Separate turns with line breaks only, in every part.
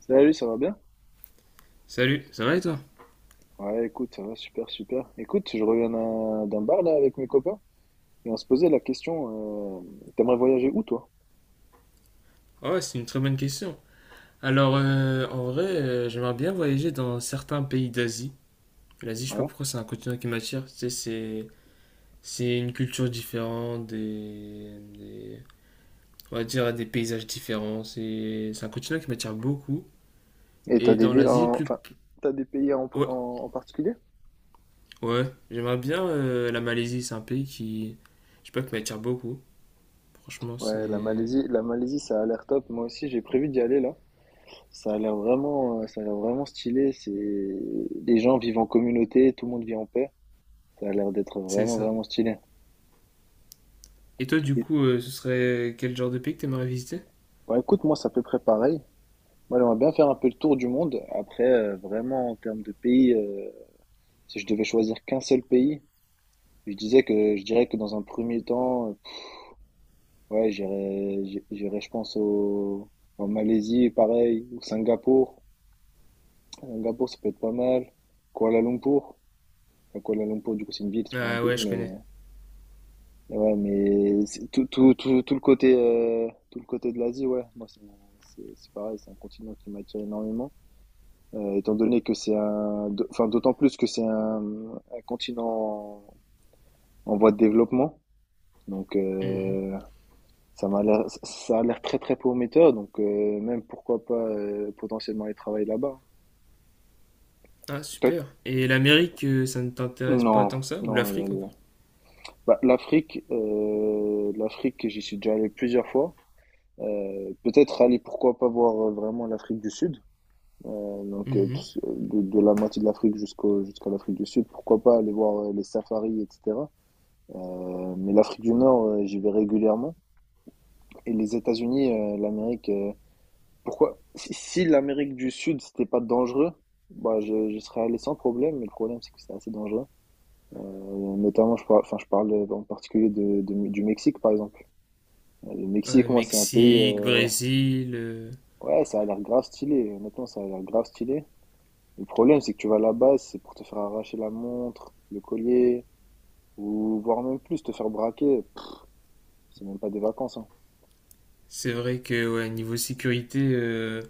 Salut, ça va bien?
Salut, ça va et toi?
Ouais, écoute, ça va super, super. Écoute, je reviens d'un bar là avec mes copains et on se posait la question, t'aimerais voyager où toi?
Ah ouais, c'est une très bonne question. Alors, en vrai, j'aimerais bien voyager dans certains pays d'Asie. L'Asie, je sais pas
Ouais.
pourquoi, c'est un continent qui m'attire. Tu sais, c'est une culture différente, on va dire des paysages différents. C'est un continent qui m'attire beaucoup.
Et t'as
Et
des
dans
villes
l'Asie, plus.
enfin, t'as des pays en, pr-
Ouais,
en, en particulier?
ouais, j'aimerais bien la Malaisie. C'est un pays qui, je sais pas, qui m'attire beaucoup. Franchement,
Ouais,
c'est
La Malaisie, ça a l'air top. Moi aussi, j'ai prévu d'y aller là. Ça a l'air vraiment stylé. Les gens vivent en communauté, tout le monde vit en paix. Ça a l'air d'être
c'est
vraiment,
ça.
vraiment stylé.
Et toi, du
Et-
coup, ce serait quel genre de pays que t'aimerais visiter?
Ouais, écoute, moi, c'est à peu près pareil. Moi, j'aimerais bien faire un peu le tour du monde. Après, vraiment, en termes de pays, si je devais choisir qu'un seul pays, je dirais que dans un premier temps, ouais, j'irais je pense au en Malaisie pareil ou Singapour. Singapour ça peut être pas mal. Kuala Lumpur. Enfin Kuala Lumpur du coup c'est une ville, c'est pas un
Ah
pays
ouais, je
mais
connais.
ouais, mais c'est tout le côté de l'Asie ouais, moi c'est pareil, c'est un continent qui m'attire énormément, étant donné que c'est un d'au enfin d'autant plus que c'est un continent en voie de développement donc
Mhm.
ça a l'air très très prometteur, donc même pourquoi pas potentiellement aller travailler là-bas.
Ah,
Peut-
super. Et l'Amérique, ça ne t'intéresse pas
Non,
tant que ça? Ou
non.
l'Afrique
euh,
encore?
bah, l'Afrique, j'y suis déjà allé plusieurs fois. Pourquoi pas voir vraiment l'Afrique du Sud, donc
Mhm.
de la moitié de l'Afrique jusqu'à l'Afrique du Sud. Pourquoi pas aller voir les safaris, etc. Mais l'Afrique du Nord, j'y vais régulièrement. Et les États-Unis, l'Amérique. Pourquoi? Si l'Amérique du Sud, c'était pas dangereux, bah je serais allé sans problème, mais le problème, c'est que c'est assez dangereux. Euh, Notamment, enfin, je parle en particulier du Mexique, par exemple. Le Mexique,
Ouais,
moi, c'est un pays,
Mexique,
ouais,
Brésil,
ouais, ça a l'air grave stylé. Honnêtement, ça a l'air grave stylé. Le problème, c'est que tu vas là-bas, c'est pour te faire arracher la montre, le collier, ou voire même plus, te faire braquer. Pff, c'est même pas des vacances, hein.
c'est vrai que ouais, niveau sécurité,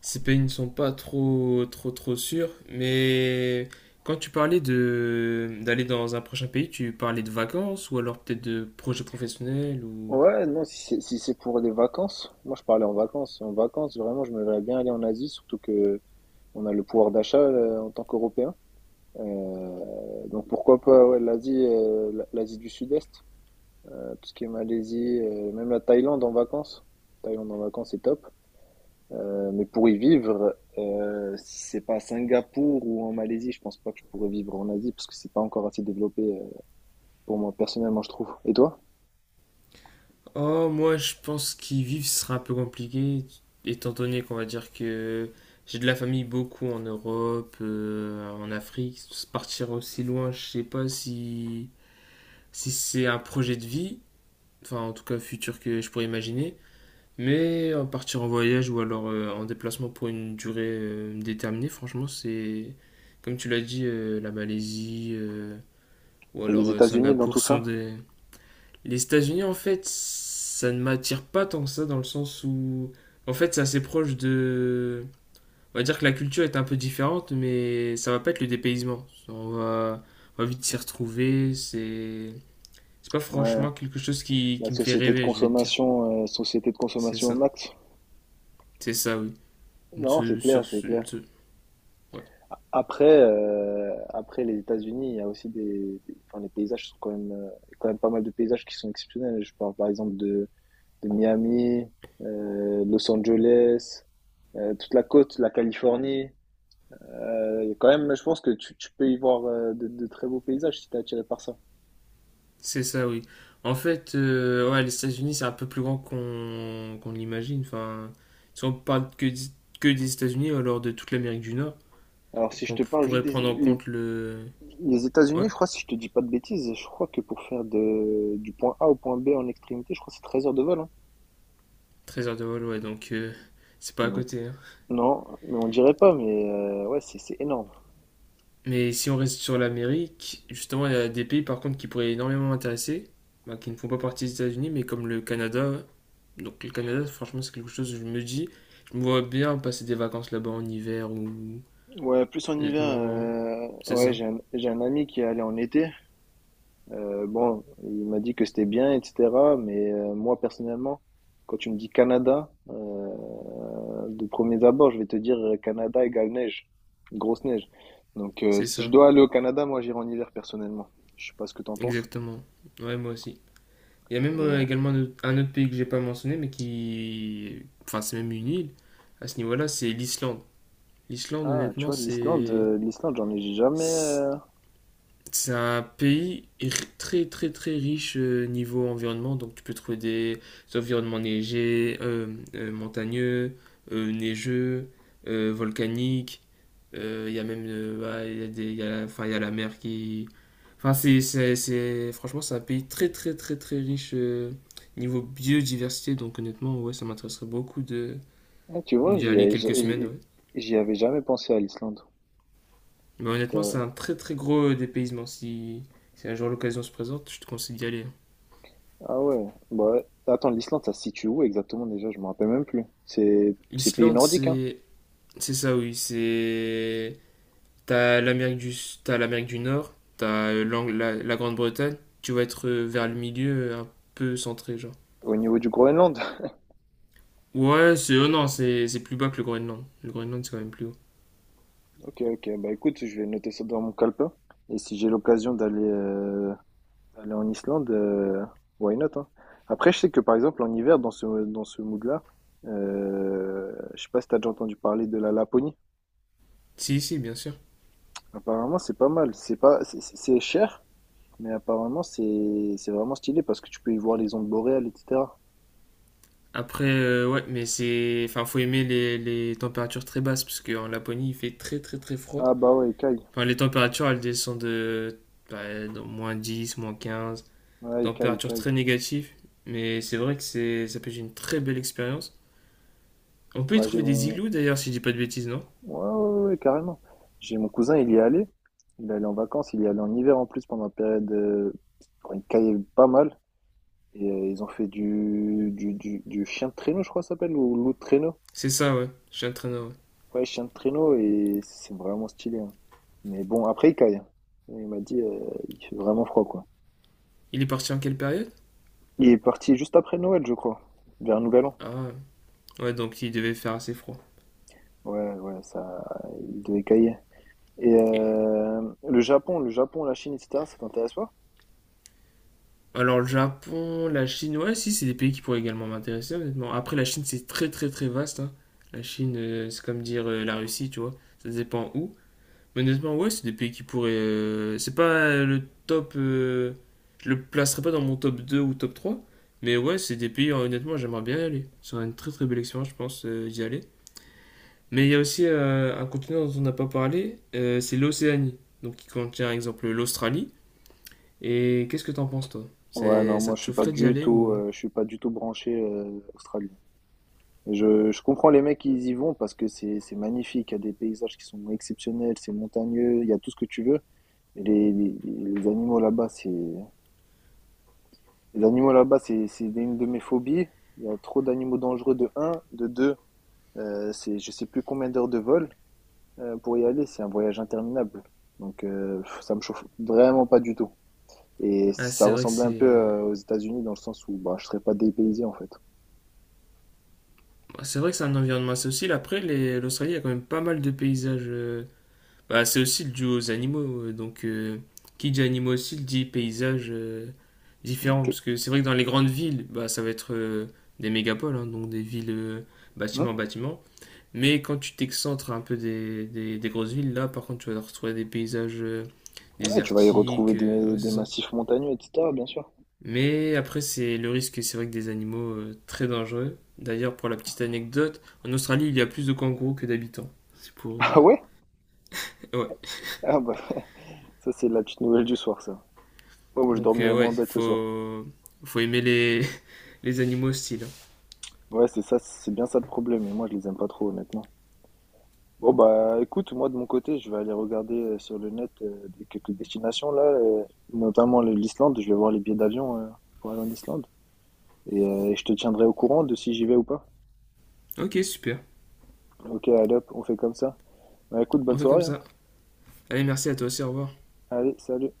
ces pays ne sont pas trop trop trop sûrs. Mais quand tu parlais de d'aller dans un prochain pays, tu parlais de vacances ou alors peut-être de projets professionnels ou...
Ouais, non, si c'est pour des vacances, moi je parlais en vacances. En vacances, vraiment, je me verrais bien aller en Asie, surtout que on a le pouvoir d'achat en tant qu'Européens. Donc pourquoi pas ouais, l'Asie du Sud-Est, tout ce qui est Malaisie, même la Thaïlande en vacances. Thaïlande en vacances, c'est top. Mais pour y vivre, si c'est pas à Singapour ou en Malaisie, je pense pas que je pourrais vivre en Asie parce que c'est pas encore assez développé pour moi personnellement, je trouve. Et toi?
Oh, moi, je pense qu'y vivre ce sera un peu compliqué, étant donné qu'on va dire que j'ai de la famille beaucoup en Europe, en Afrique. Partir aussi loin, je sais pas si c'est un projet de vie, enfin, en tout cas, futur que je pourrais imaginer. Mais partir en voyage ou alors en déplacement pour une durée déterminée, franchement, c'est, comme tu l'as dit, la Malaisie ou
Et les
alors
États-Unis dans
Singapour
tout
sont
ça?
des, les États-Unis, en fait, ça ne m'attire pas tant que ça dans le sens où, en fait, c'est assez proche de. On va dire que la culture est un peu différente, mais ça va pas être le dépaysement. On va vite s'y retrouver. C'est pas
Ouais,
franchement quelque chose qui,
la
qui me fait rêver, je vais te dire.
société de
C'est
consommation au
ça.
max.
C'est ça, oui. Une
Non, c'est
se- sur,
clair, c'est
une
clair.
se- ouais.
Après les États-Unis, il y a aussi enfin, les paysages sont quand même, il y a quand même pas mal de paysages qui sont exceptionnels. Je parle par exemple de Miami, Los Angeles, toute la côte, la Californie. Quand même, je pense que tu peux y voir de très beaux paysages si t'es attiré par ça.
C'est ça, oui. En fait, ouais, les États-Unis, c'est un peu plus grand qu'on l'imagine. Enfin, si on parle que, que des États-Unis, alors de toute l'Amérique du Nord.
Alors, si
Donc
je
on
te parle juste
pourrait prendre en compte le.
les
Ouais,
États-Unis, je crois, si je te dis pas de bêtises, je crois que pour faire du point A au point B en extrémité, je crois que c'est 13 heures de vol, hein.
13 heures de vol, ouais, donc c'est pas à
Donc,
côté, hein.
non, mais on dirait pas, mais ouais, c'est énorme.
Mais si on reste sur l'Amérique, justement, il y a des pays par contre qui pourraient énormément m'intéresser, bah, qui ne font pas partie des États-Unis, mais comme le Canada. Donc le Canada, franchement, c'est quelque chose que je me dis, je me vois bien passer des vacances là-bas en hiver ou...
Ouais, plus en hiver,
Honnêtement, c'est
ouais,
ça.
j'ai un ami qui est allé en été. Bon, il m'a dit que c'était bien, etc. Mais moi, personnellement, quand tu me dis Canada, de premiers abords, je vais te dire Canada égale neige, grosse neige. Donc,
C'est
si je
ça,
dois aller au Canada, moi, j'irai en hiver, personnellement. Je sais pas ce que t'en penses.
exactement. Ouais, moi aussi. Il y a même
Et,
également un autre pays que j'ai pas mentionné, mais qui... Enfin, c'est même une île à ce niveau-là, c'est l'Islande. L'Islande,
ah, tu
honnêtement,
vois,
c'est
l'Islande, j'en ai jamais. euh,
c'est un pays très très très riche niveau environnement, donc tu peux trouver des environnements neigés, montagneux, neigeux, volcaniques. Il y a même bah, il y a des, il y a la, enfin, il y a la mer qui... Enfin, franchement, c'est un pays très très très très riche niveau biodiversité, donc honnêtement, ouais, ça m'intéresserait beaucoup de
ah, tu vois,
d'y
j'y
aller
ai-
quelques semaines,
j'y
ouais.
j'y avais jamais pensé à l'Islande.
Mais honnêtement, c'est un très très gros dépaysement. Si un jour l'occasion se présente, je te conseille d'y aller.
Ah ouais. Bah, ouais. Attends, l'Islande, ça se situe où exactement déjà? Je me rappelle même plus. C'est pays
L'Islande,
nordique, hein?
c'est ça, oui. C'est t'as l'Amérique du t'as l'Amérique du Nord, t'as la Grande-Bretagne. Tu vas être vers le milieu, un peu centré, genre.
Au niveau du Groenland?
Ouais, c'est oh non, c'est plus bas que le Groenland. Le Groenland, c'est quand même plus haut.
Ok, ok. Bah écoute, je vais noter ça dans mon calepin. Et si j'ai l'occasion d'aller aller en Islande, why not, hein. Après, je sais que par exemple, en hiver, dans ce mood-là, je sais pas si t'as déjà entendu parler de la Laponie.
Si, si, bien sûr.
Apparemment, c'est pas mal. C'est pas, c'est cher, mais apparemment, c'est vraiment stylé parce que tu peux y voir les ondes boréales, etc.
Après, ouais, mais c'est enfin, faut aimer les températures très basses parce qu'en Laponie, il fait très très très froid.
Ah bah ouais, Kai.
Enfin, les températures, elles descendent de bah, dans -10 -15
Ouais, Kai,
températures
Kai.
très négatives. Mais c'est vrai que c'est, ça peut être une très belle expérience. On peut y
Bah j'ai
trouver des
mon...
igloos d'ailleurs, si je dis pas de bêtises, non.
Ouais, ouais, ouais, ouais, carrément. J'ai mon cousin, il y est allé. Il est allé en vacances, il y est allé en hiver en plus pendant la période quand il caillait pas mal. Et ils ont fait du chien de traîneau, je crois que ça s'appelle, ou loup de traîneau.
C'est ça, ouais, j'ai un traîneur. Ouais.
Ouais, chien de traîneau, et c'est vraiment stylé, hein. Mais bon, après, il caille, hein. Il m'a dit, il fait vraiment froid, quoi.
Il est parti en quelle période?
Il est parti juste après Noël, je crois, vers Nouvel An.
Ah, ouais, donc il devait faire assez froid.
Ouais, ouais, ça, il devait cailler. Et
Et-
le Japon, la Chine, etc., ça t'intéresse pas?
Alors, le Japon, la Chine, ouais, si, c'est des pays qui pourraient également m'intéresser, honnêtement. Après, la Chine, c'est très, très, très vaste, hein. La Chine, c'est comme dire la Russie, tu vois. Ça dépend où. Honnêtement, ouais, c'est des pays qui pourraient. C'est pas le top. Je le placerai pas dans mon top 2 ou top 3. Mais ouais, c'est des pays, honnêtement, j'aimerais bien y aller. C'est une très très belle expérience, je pense, d'y aller. Mais il y a aussi un continent dont on n'a pas parlé, c'est l'Océanie. Donc qui contient, par exemple, l'Australie. Et qu'est-ce que t'en penses, toi?
Ouais,
C'est,
non,
ça
moi, je
te
suis pas
chaufferait d'y
du
aller
tout,
ou.
je suis pas du tout branché australien. Je comprends les mecs qui y vont parce que c'est magnifique, il y a des paysages qui sont exceptionnels, c'est montagneux, il y a tout ce que tu veux. Mais les animaux là-bas, c'est une de mes phobies. Il y a trop d'animaux dangereux de un, de deux, c'est je sais plus combien d'heures de vol. Pour y aller, c'est un voyage interminable. Donc, ça me chauffe vraiment pas du tout. Et
Ah,
ça
c'est vrai que
ressemblait un peu
c'est.
aux États-Unis dans le sens où bah, je serais pas dépaysé en fait.
Bah, c'est vrai que c'est un environnement assez hostile. Après, l'Australie, il y a quand même pas mal de paysages. Bah, c'est aussi le duo aux animaux. Donc, qui dit animaux aussi dit paysages différents.
Ok.
Parce que c'est vrai que dans les grandes villes, bah, ça va être des mégapoles, hein, donc des villes
Hmm.
bâtiment bâtiment. Mais quand tu t'excentres un peu des grosses villes, là, par contre, tu vas retrouver des paysages
Ouais, tu vas y
désertiques.
retrouver
Ouais, c'est
des
ça.
massifs montagneux, et cetera. Bien sûr.
Mais après, c'est le risque, c'est vrai que des animaux très dangereux. D'ailleurs, pour la petite anecdote, en Australie, il y a plus de kangourous que d'habitants. C'est pour.
Ah ouais?
Ouais.
Ah bah, ça c'est la petite nouvelle du soir, ça. Ouais, moi je
Donc
dormirai
ouais,
moins bête ce soir.
faut aimer les animaux hostiles.
Ouais, c'est ça, c'est bien ça le problème. Et moi, je les aime pas trop, honnêtement. Bon bah, écoute, moi de mon côté, je vais aller regarder sur le net quelques destinations là, notamment l'Islande. Je vais voir les billets d'avion pour aller en Islande. Et je te tiendrai au courant de si j'y vais ou pas.
Ok, super.
Ok, allez hop, on fait comme ça. Bah, écoute, bonne
On fait comme
soirée, hein.
ça. Allez, merci à toi aussi, au revoir.
Allez, salut.